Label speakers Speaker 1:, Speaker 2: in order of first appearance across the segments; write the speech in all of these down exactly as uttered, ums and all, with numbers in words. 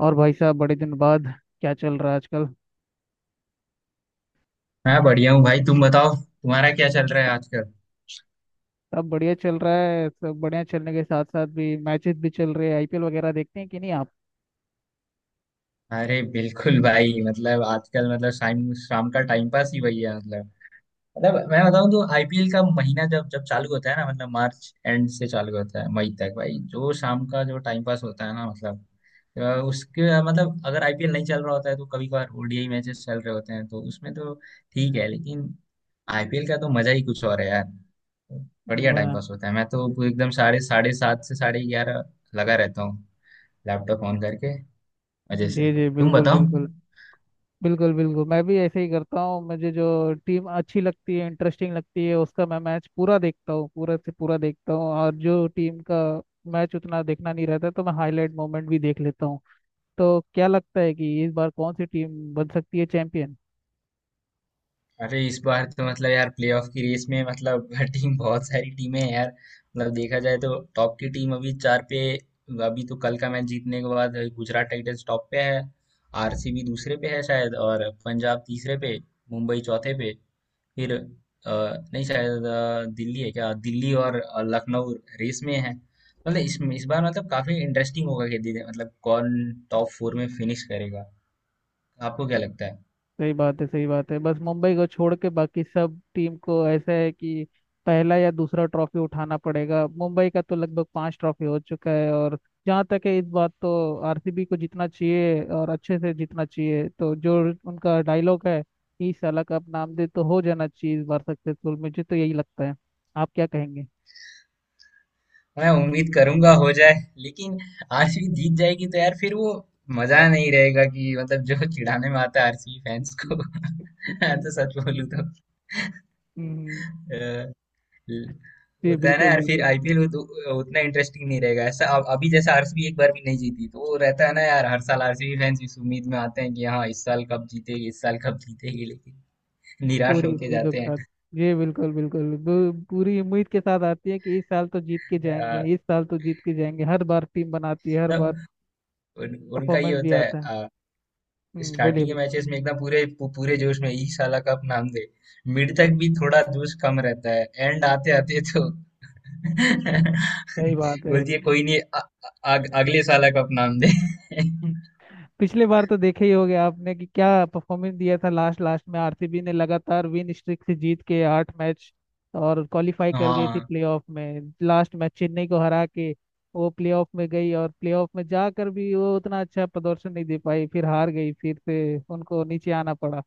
Speaker 1: और भाई साहब बड़े दिन बाद क्या चल रहा है आजकल।
Speaker 2: मैं बढ़िया हूँ भाई। तुम बताओ, तुम्हारा क्या चल रहा है आजकल?
Speaker 1: सब बढ़िया चल रहा है। सब बढ़िया चलने के साथ साथ भी मैचेस भी चल रहे हैं, आई पी एल वगैरह देखते हैं कि नहीं आप?
Speaker 2: अरे बिल्कुल भाई, मतलब आजकल मतलब शाम शाम का टाइम पास ही वही है मतलब। मतलब मैं बताऊँ तो आईपीएल का महीना जब जब चालू होता है ना, मतलब मार्च एंड से चालू होता है मई तक भाई, जो शाम का जो टाइम पास होता है ना, मतलब अ, उसके मतलब अगर आईपीएल नहीं चल रहा होता है तो कभी कभार ओडीआई मैचेस चल रहे होते हैं तो उसमें तो ठीक है, लेकिन आईपीएल का तो मजा ही कुछ और है यार। बढ़िया टाइम
Speaker 1: वाह।
Speaker 2: पास होता है, मैं तो एकदम साढ़े साढ़े सात से साढ़े ग्यारह लगा रहता हूँ, लैपटॉप ऑन करके, मजे से।
Speaker 1: जी जी,
Speaker 2: तुम
Speaker 1: बिल्कुल
Speaker 2: बताओ।
Speaker 1: बिल्कुल। बिल्कुल बिल्कुल, मैं भी ऐसे ही करता हूँ। मुझे जो टीम अच्छी लगती है, इंटरेस्टिंग लगती है, उसका मैं मैच पूरा देखता हूँ, पूरा से पूरा देखता हूँ। और जो टीम का मैच उतना देखना नहीं रहता तो मैं हाईलाइट मोमेंट भी देख लेता हूँ। तो क्या लगता है कि इस बार कौन सी टीम बन सकती है चैंपियन?
Speaker 2: अरे इस बार तो मतलब यार प्लेऑफ की रेस में मतलब टीम, बहुत सारी टीमें हैं यार। मतलब देखा जाए तो टॉप की टीम अभी चार पे। अभी तो कल का मैच जीतने के बाद गुजरात टाइटंस टॉप पे है, आरसीबी दूसरे पे है शायद, और पंजाब तीसरे पे, मुंबई चौथे पे, फिर अ, नहीं शायद अ, दिल्ली है, क्या दिल्ली और अ, लखनऊ रेस में है। मतलब इस इस बार मतलब काफी इंटरेस्टिंग होगा कि दिल्ली- मतलब कौन टॉप फोर में फिनिश करेगा। आपको क्या लगता है?
Speaker 1: सही बात है, सही बात है। बस मुंबई को छोड़ के बाकी सब टीम को ऐसा है कि पहला या दूसरा ट्रॉफी उठाना पड़ेगा। मुंबई का तो लगभग पांच ट्रॉफी हो चुका है। और जहाँ तक है इस बात तो आर सी बी को जीतना चाहिए, और अच्छे से जीतना चाहिए। तो जो उनका डायलॉग है इस साल का, अब नाम दे तो हो जाना चाहिए इस बार सक्सेसफुल। मुझे तो यही लगता है। आप क्या कहेंगे?
Speaker 2: मैं उम्मीद करूंगा हो जाए, लेकिन आरसीबी जीत जाएगी तो यार फिर वो मजा नहीं रहेगा कि मतलब जो चिढ़ाने में आता है आरसीबी फैंस को। मैं तो सच बोलूं तो।
Speaker 1: हम्म,
Speaker 2: अ, हम्म,
Speaker 1: जी
Speaker 2: होता है ना
Speaker 1: बिल्कुल
Speaker 2: यार, फिर
Speaker 1: बिल्कुल।
Speaker 2: आईपीएल उतना इंटरेस्टिंग नहीं रहेगा ऐसा। अब अभी जैसा आरसीबी एक बार भी नहीं जीती, तो वो रहता है ना यार, हर साल आरसीबी फैंस इस उम्मीद में आते हैं कि हाँ इस साल कब जीतेगी, इस साल कब जीतेगी, लेकिन निराश
Speaker 1: पूरी
Speaker 2: होके
Speaker 1: उम्मीदों के
Speaker 2: जाते
Speaker 1: साथ,
Speaker 2: हैं।
Speaker 1: जी बिल्कुल बिल्कुल। पू- पूरी उम्मीद के साथ आती है कि इस साल तो जीत के जाएंगे,
Speaker 2: अ,
Speaker 1: इस साल तो जीत के जाएंगे। हर बार टीम बनाती है, हर
Speaker 2: तब
Speaker 1: बार
Speaker 2: उन, उनका ये
Speaker 1: परफॉर्मेंस भी
Speaker 2: होता
Speaker 1: आता है।
Speaker 2: है
Speaker 1: हम्म बोलिए
Speaker 2: स्टार्टिंग के
Speaker 1: बोलिए।
Speaker 2: मैचेस में एकदम पूरे पू- पूरे जोश में, इस साल कप नाम दे। मिड तक भी थोड़ा जोश कम रहता है। एंड आते आते तो
Speaker 1: सही बात है।
Speaker 2: बोलती है कोई नहीं, अ- अ- अग- अगले साल कप नाम दे।
Speaker 1: हम्म। पिछले बार तो देखे ही होंगे आपने कि क्या परफॉर्मेंस दिया था। लास्ट लास्ट में आर सी बी ने लगातार विन स्ट्रिक से जीत के आठ मैच, और क्वालिफाई कर गई थी
Speaker 2: हाँ,
Speaker 1: प्लेऑफ में, लास्ट मैच चेन्नई को हरा के। वो प्लेऑफ में गई और प्लेऑफ में जाकर भी वो उतना अच्छा प्रदर्शन नहीं दे पाई, फिर हार गई, फिर से उनको नीचे आना पड़ा।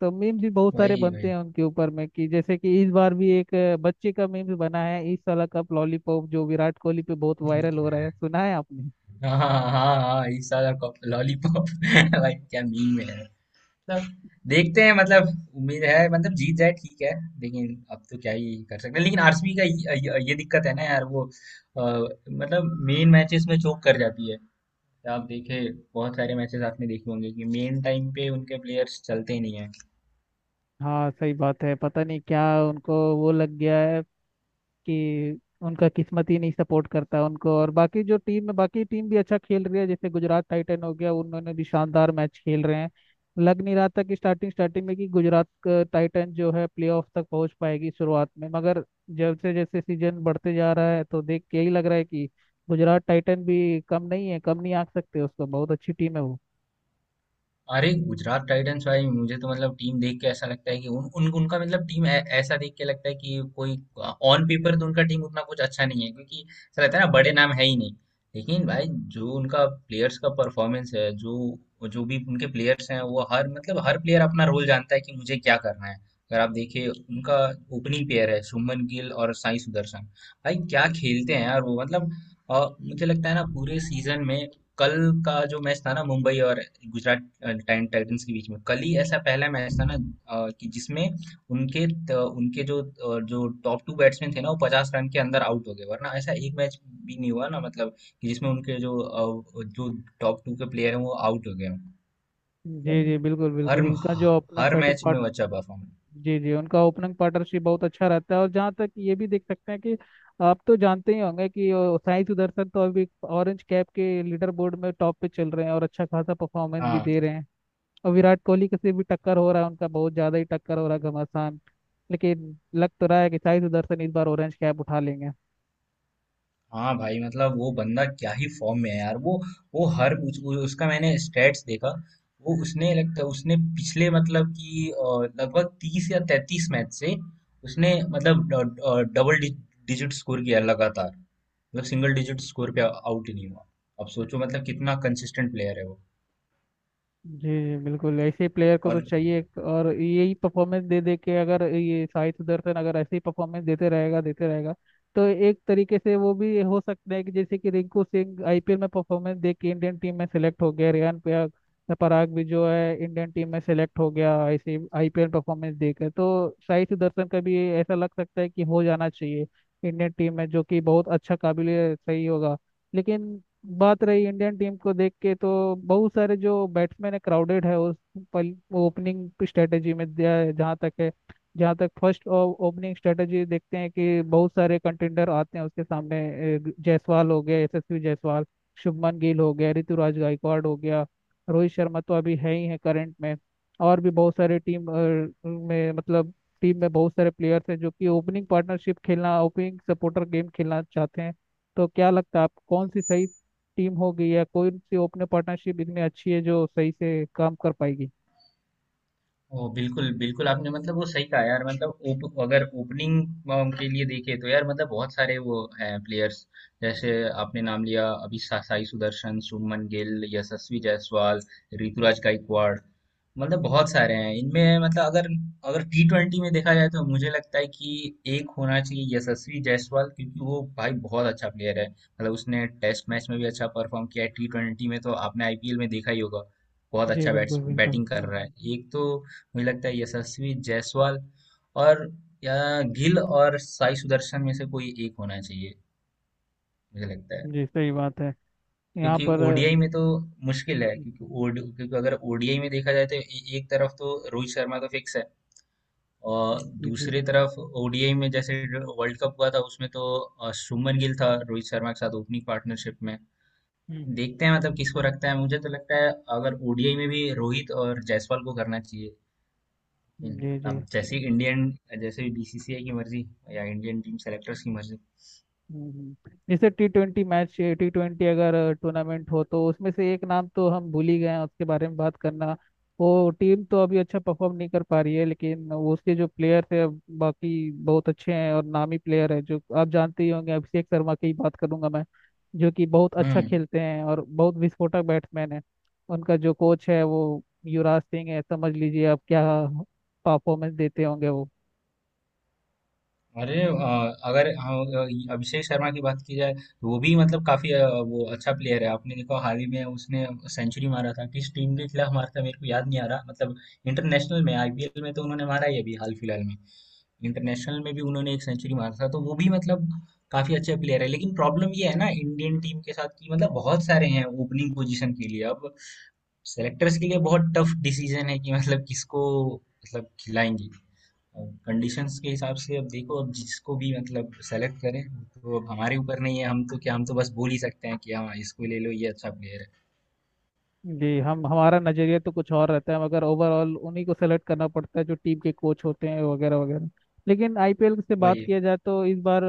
Speaker 1: तो मीम्स भी बहुत सारे
Speaker 2: वही
Speaker 1: बनते
Speaker 2: वही।
Speaker 1: हैं उनके ऊपर में। कि जैसे कि इस बार भी एक अ, बच्चे का मीम्स बना है, इस साल का लॉलीपॉप, जो विराट कोहली पे बहुत वायरल हो रहा है। सुना है आपने?
Speaker 2: हाँ, हाँ, हाँ, हाँ, इस साल लॉलीपॉप। भाई क्या मीम है। मतलब देखते हैं, मतलब उम्मीद है मतलब जीत जाए ठीक है। लेकिन अब तो क्या ही कर सकते हैं, लेकिन आरसीबी का ये, ये ये दिक्कत है ना यार, वो अ, मतलब मेन मैचेस में चोक कर जाती है। आप देखे, बहुत सारे मैचेस आपने देखे होंगे कि मेन टाइम पे उनके प्लेयर्स चलते ही नहीं।
Speaker 1: हाँ सही बात है। पता नहीं क्या उनको वो लग गया है कि उनका किस्मत ही नहीं सपोर्ट करता उनको। और बाकी जो टीम है, बाकी टीम भी अच्छा खेल रही है। जैसे गुजरात टाइटन हो गया, उन्होंने भी शानदार मैच खेल रहे हैं। लग नहीं रहा था कि स्टार्टिंग स्टार्टिंग में कि गुजरात का टाइटन जो है प्लेऑफ तक पहुंच पाएगी शुरुआत में, मगर जैसे जैसे सीजन बढ़ते जा रहा है तो देख के यही लग रहा है कि गुजरात टाइटन भी कम नहीं है। कम नहीं आंक सकते उसको, बहुत अच्छी टीम है वो।
Speaker 2: अरे गुजरात टाइटंस भाई, मुझे तो मतलब टीम देख के ऐसा लगता है कि उन, उन उनका मतलब टीम ऐ- ऐसा देख के लगता है कि कोई ऑन पेपर तो उनका टीम उतना कुछ अच्छा नहीं है, क्योंकि ऐसा रहता है ना बड़े नाम है ही नहीं। लेकिन भाई जो उनका प्लेयर्स का परफॉर्मेंस है, जो जो भी उनके प्लेयर्स हैं वो हर मतलब हर प्लेयर अपना रोल जानता है कि मुझे क्या करना है। अगर आप देखिए, उनका ओपनिंग पेयर है शुभमन गिल और साई सुदर्शन। भाई क्या खेलते हैं यार वो, मतलब अ, मुझे लगता है ना पूरे सीजन में, कल का जो मैच था ना मुंबई और गुजरात टाइम टाइटंस के बीच में, कल ही ऐसा पहला मैच था ना, अ, कि जिसमें उनके त, उनके जो अ, जो टॉप टू बैट्समैन थे ना वो पचास रन के अंदर आउट हो गए, वरना ऐसा एक मैच भी नहीं हुआ ना, मतलब कि जिसमें उनके जो अ, जो टॉप टू के प्लेयर हैं वो आउट हो गए हों। तो
Speaker 1: जी जी बिल्कुल
Speaker 2: हर
Speaker 1: बिल्कुल, उसका जो अपना
Speaker 2: हर
Speaker 1: पैटर्न,
Speaker 2: मैच में वो अच्छा परफॉर्मेंस।
Speaker 1: जी जी, उनका ओपनिंग पार्टनरशिप बहुत अच्छा रहता है। और जहाँ तक ये भी देख सकते हैं कि आप तो जानते ही होंगे कि अ, साई सुदर्शन तो अभी ऑरेंज कैप के लीडर बोर्ड में टॉप पे चल रहे हैं और अच्छा खासा परफॉर्मेंस भी
Speaker 2: हाँ
Speaker 1: दे रहे हैं। और विराट कोहली के से भी टक्कर हो रहा है उनका, बहुत ज़्यादा ही टक्कर हो रहा है, घमासान। लेकिन लग तो रहा है कि साई सुदर्शन इस बार ऑरेंज कैप उठा लेंगे।
Speaker 2: हाँ भाई, मतलब वो बंदा क्या ही फॉर्म में है यार, वो वो हर उस, उ- उसका मैंने स्टेट्स देखा। वो, उसने लगता उसने पिछले मतलब कि अ, लगभग तीस या तैतीस मैच से उसने मतलब ड- अ, डबल डि, डिजिट स्कोर किया लगातार, मतलब सिंगल डिजिट स्कोर पे आउट ही नहीं हुआ। अब सोचो मतलब कितना कंसिस्टेंट प्लेयर है वो।
Speaker 1: जी बिल्कुल, ऐसे प्लेयर को तो
Speaker 2: और
Speaker 1: चाहिए। एक और यही परफॉर्मेंस दे दे के, अगर ये साई सुदर्शन अगर ऐसे ही परफॉर्मेंस देते रहेगा देते रहेगा, तो एक तरीके से वो भी हो सकता है कि जैसे कि Rinku Singh I P L में परफॉर्मेंस दे के इंडियन टीम में सेलेक्ट हो गया, रेयान पराग। पराग भी जो है इंडियन टीम में सेलेक्ट हो गया ऐसे आई पी एल परफॉर्मेंस दे के। तो साई सुदर्शन का भी ऐसा लग सकता है कि हो जाना चाहिए इंडियन टीम में, जो कि बहुत अच्छा, काबिल, सही होगा। लेकिन बात रही इंडियन टीम को देख के तो बहुत सारे जो बैट्समैन है, क्राउडेड है उस पल ओपनिंग स्ट्रेटेजी में दिया है। जहाँ तक है, जहाँ तक फर्स्ट ओपनिंग स्ट्रेटेजी देखते हैं कि बहुत सारे कंटेंडर आते हैं उसके सामने। ए, जायसवाल हो गया, यशस्वी जायसवाल, शुभमन गिल हो गया, ऋतुराज गायकवाड़ हो गया, रोहित शर्मा तो अभी है ही है करंट में। और भी बहुत सारे टीम अ, में, मतलब टीम में बहुत सारे प्लेयर्स हैं जो कि ओपनिंग पार्टनरशिप खेलना, ओपनिंग सपोर्टर गेम खेलना चाहते हैं। तो क्या लगता है आप, कौन सी सही टीम होगी, या कोई सी ओपन पार्टनरशिप इतनी अच्छी है जो सही से काम कर पाएगी?
Speaker 2: ओह, बिल्कुल, बिल्कुल आपने मतलब वो सही कहा यार, मतलब ओप अगर ओपनिंग के लिए देखें तो यार मतलब बहुत सारे वो हैं प्लेयर्स, जैसे आपने नाम लिया अभी सा- साई सुदर्शन, शुभमन गिल, यशस्वी जायसवाल, ऋतुराज गायकवाड़, मतलब बहुत सारे हैं इनमें। मतलब अगर अगर टी ट्वेंटी में देखा जाए तो मुझे लगता है कि एक होना चाहिए यशस्वी जायसवाल, क्योंकि वो भाई बहुत अच्छा प्लेयर है, मतलब उसने टेस्ट मैच में भी अच्छा परफॉर्म किया है। टी ट्वेंटी में तो आपने आईपीएल में देखा ही होगा, बहुत
Speaker 1: जी
Speaker 2: अच्छा
Speaker 1: बिल्कुल
Speaker 2: बैट्स
Speaker 1: बिल्कुल,
Speaker 2: बैटिंग कर
Speaker 1: हम्म,
Speaker 2: रहा
Speaker 1: हम्म,
Speaker 2: है एक तो। मुझे लगता है यशस्वी जायसवाल और या गिल और साई सुदर्शन में से कोई एक होना चाहिए, मुझे लगता है।
Speaker 1: जी सही बात है, यहाँ
Speaker 2: क्योंकि
Speaker 1: पर
Speaker 2: ओडीआई में तो मुश्किल है,
Speaker 1: हम्म,
Speaker 2: क्योंकि O D क्योंकि अगर ओडीआई में देखा जाए तो ए- एक तरफ तो रोहित शर्मा तो फिक्स है, और
Speaker 1: हम्म, जी जी,
Speaker 2: दूसरी तरफ ओडीआई में जैसे वर्ल्ड कप हुआ था उसमें तो अ, शुभमन गिल था रोहित शर्मा के साथ ओपनिंग पार्टनरशिप में।
Speaker 1: हम्म,
Speaker 2: देखते हैं मतलब किसको रखता है, मुझे तो लगता है अगर ओडीआई में भी रोहित और जायसवाल को करना चाहिए।
Speaker 1: हम्म,
Speaker 2: हम्म।
Speaker 1: जी
Speaker 2: अब जैसे
Speaker 1: जी,
Speaker 2: ही इंडियन, जैसे बीसीसीआई की मर्जी या इंडियन टीम सेलेक्टर्स की मर्जी।
Speaker 1: हम्म, जैसे T twenty match, T twenty अगर टूर्नामेंट हो तो उसमें से एक नाम तो हम भूल ही गए हैं उसके बारे में बात करना। वो टीम तो अभी अच्छा परफॉर्म नहीं कर पा रही है, लेकिन उसके जो प्लेयर्स है बाकी बहुत अच्छे हैं और नामी प्लेयर है। जो आप जानते ही होंगे, अभिषेक शर्मा की ही बात करूंगा मैं, जो कि बहुत अच्छा
Speaker 2: हम्म।
Speaker 1: खेलते हैं और बहुत विस्फोटक बैट्समैन है। उनका जो कोच है वो युवराज सिंह है, समझ लीजिए आप क्या परफॉर्मेंस देते होंगे वो।
Speaker 2: अरे अ, अगर हम, अ, अभिषेक शर्मा की बात की जाए तो वो भी मतलब काफी अ, वो अच्छा प्लेयर है। आपने देखा, हाल ही में उसने सेंचुरी मारा था। किस टीम के खिलाफ मारा था मेरे को याद नहीं आ रहा, मतलब इंटरनेशनल में। आईपीएल में तो उन्होंने मारा ही, अभी हाल फिलहाल में इंटरनेशनल में भी उन्होंने एक सेंचुरी मारा था। तो वो भी मतलब काफी अच्छे प्लेयर है, लेकिन प्रॉब्लम ये है ना इंडियन टीम के साथ कि मतलब बहुत सारे हैं ओपनिंग पोजीशन के लिए। अब सेलेक्टर्स के लिए बहुत टफ डिसीजन है कि मतलब किसको मतलब खिलाएंगे कंडीशंस के हिसाब से। अब देखो, अब जिसको भी मतलब सेलेक्ट करें, तो अब हमारे ऊपर नहीं है। हम तो क्या, हम तो बस बोल ही सकते हैं कि हाँ इसको ले लो, ये अच्छा प्लेयर है।
Speaker 1: जी, हम हमारा नजरिया तो कुछ और रहता है, मगर ओवरऑल उन्हीं को सेलेक्ट करना पड़ता है जो टीम के कोच होते हैं, वगैरह वगैरह। लेकिन आई पी एल से बात
Speaker 2: वही है।
Speaker 1: किया जाए तो इस बार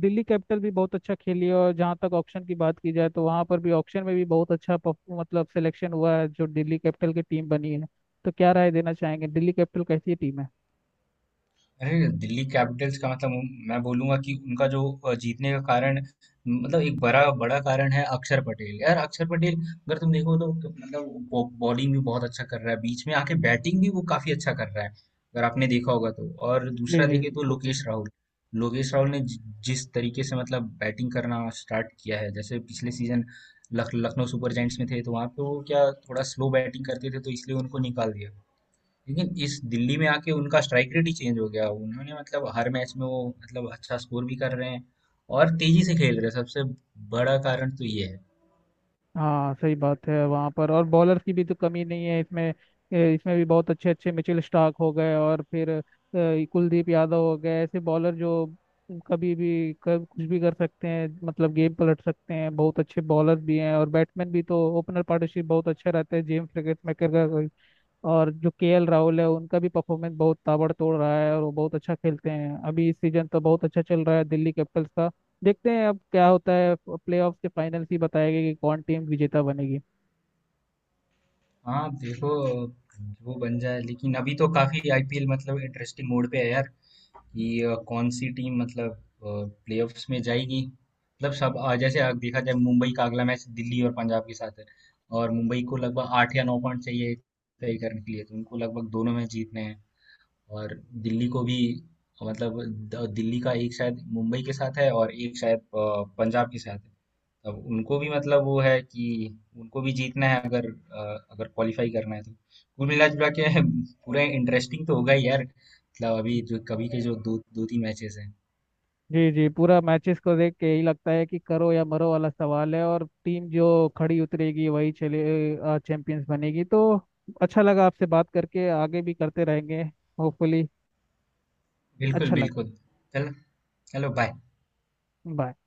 Speaker 1: दिल्ली कैपिटल भी बहुत अच्छा खेली है। और जहाँ तक ऑक्शन की बात की जाए तो वहाँ पर भी ऑक्शन में भी बहुत अच्छा परफ- मतलब सिलेक्शन हुआ है जो दिल्ली कैपिटल की टीम बनी है। तो क्या राय देना चाहेंगे, दिल्ली कैपिटल कैसी टीम है?
Speaker 2: अरे! दिल्ली कैपिटल्स का मतलब, मैं बोलूँगा कि उनका जो अ, जीतने का कारण, मतलब एक बड़ा बड़ा कारण है अक्षर पटेल। यार अक्षर पटेल अगर तुम देखो तो मतलब बॉ- बॉलिंग भी बहुत अच्छा कर रहा है, बीच में आके बैटिंग भी वो काफी अच्छा कर रहा है अगर आपने देखा होगा तो। और
Speaker 1: जी
Speaker 2: दूसरा
Speaker 1: जी
Speaker 2: देखिए तो
Speaker 1: बिल्कुल।
Speaker 2: लोकेश राहुल। लोकेश राहुल ने जि- जिस तरीके से मतलब बैटिंग करना स्टार्ट किया है, जैसे पिछले सीजन लख, लखनऊ सुपर जायंट्स में थे तो वहां पे वो क्या थोड़ा स्लो बैटिंग करते थे, तो इसलिए उनको निकाल दिया। लेकिन इस दिल्ली में आके उनका स्ट्राइक रेट ही चेंज हो गया, उन्होंने मतलब हर मैच में वो मतलब अच्छा स्कोर भी कर रहे हैं और तेजी से खेल रहे हैं। सबसे बड़ा कारण तो ये है।
Speaker 1: हाँ सही बात है। वहाँ पर और बॉलर्स की भी तो कमी नहीं है इसमें। ए, इसमें भी बहुत अच्छे अच्छे मिचेल स्टार्क हो गए, और फिर ए, कुलदीप यादव हो गए। ऐसे बॉलर जो कभी भी कर, कुछ भी कर सकते हैं, मतलब गेम पलट सकते हैं, बहुत अच्छे बॉलर भी हैं और बैट्समैन भी। तो ओपनर पार्टनरशिप बहुत अच्छा रहता है जेम्स क्रिकेट मेकर का। और जो के एल राहुल है उनका भी परफॉर्मेंस बहुत ताबड़तोड़ रहा है, और वो बहुत अच्छा खेलते हैं। अभी इस सीजन तो बहुत अच्छा चल रहा है दिल्ली कैपिटल्स का। देखते हैं अब क्या होता है, प्लेऑफ के फाइनल ही बताएगा कि कौन टीम विजेता बनेगी।
Speaker 2: हाँ देखो, वो बन जाए, लेकिन अभी तो काफी आईपीएल मतलब इंटरेस्टिंग मोड पे है यार, कि अ, कौन सी टीम मतलब प्लेऑफ्स में जाएगी, मतलब सब अ, जैसे अगर देखा जाए मुंबई का अगला मैच दिल्ली और पंजाब के साथ है, और मुंबई को लगभग आठ या नौ पॉइंट चाहिए तय करने के लिए, तो उनको लगभग दोनों मैच जीतने हैं। और दिल्ली को भी मतलब द- दिल्ली का एक शायद मुंबई के साथ है और एक शायद अ, पंजाब के साथ है। अब उनको भी मतलब वो है कि उनको भी जीतना है अगर अ, अगर क्वालिफाई करना है तो। कुल मिला जुला के पूरा इंटरेस्टिंग तो होगा ही यार, मतलब अभी जो कभी के जो दो दो तीन मैचेस हैं।
Speaker 1: जी जी, पूरा मैचेस को देख के यही लगता है कि करो या मरो वाला सवाल है, और टीम जो खड़ी उतरेगी वही चले चैंपियंस बनेगी। तो अच्छा लगा आपसे बात करके, आगे भी करते रहेंगे होपफुली।
Speaker 2: बिल्कुल
Speaker 1: अच्छा लगा।
Speaker 2: बिल्कुल। चल चलो, बाय।
Speaker 1: बाय।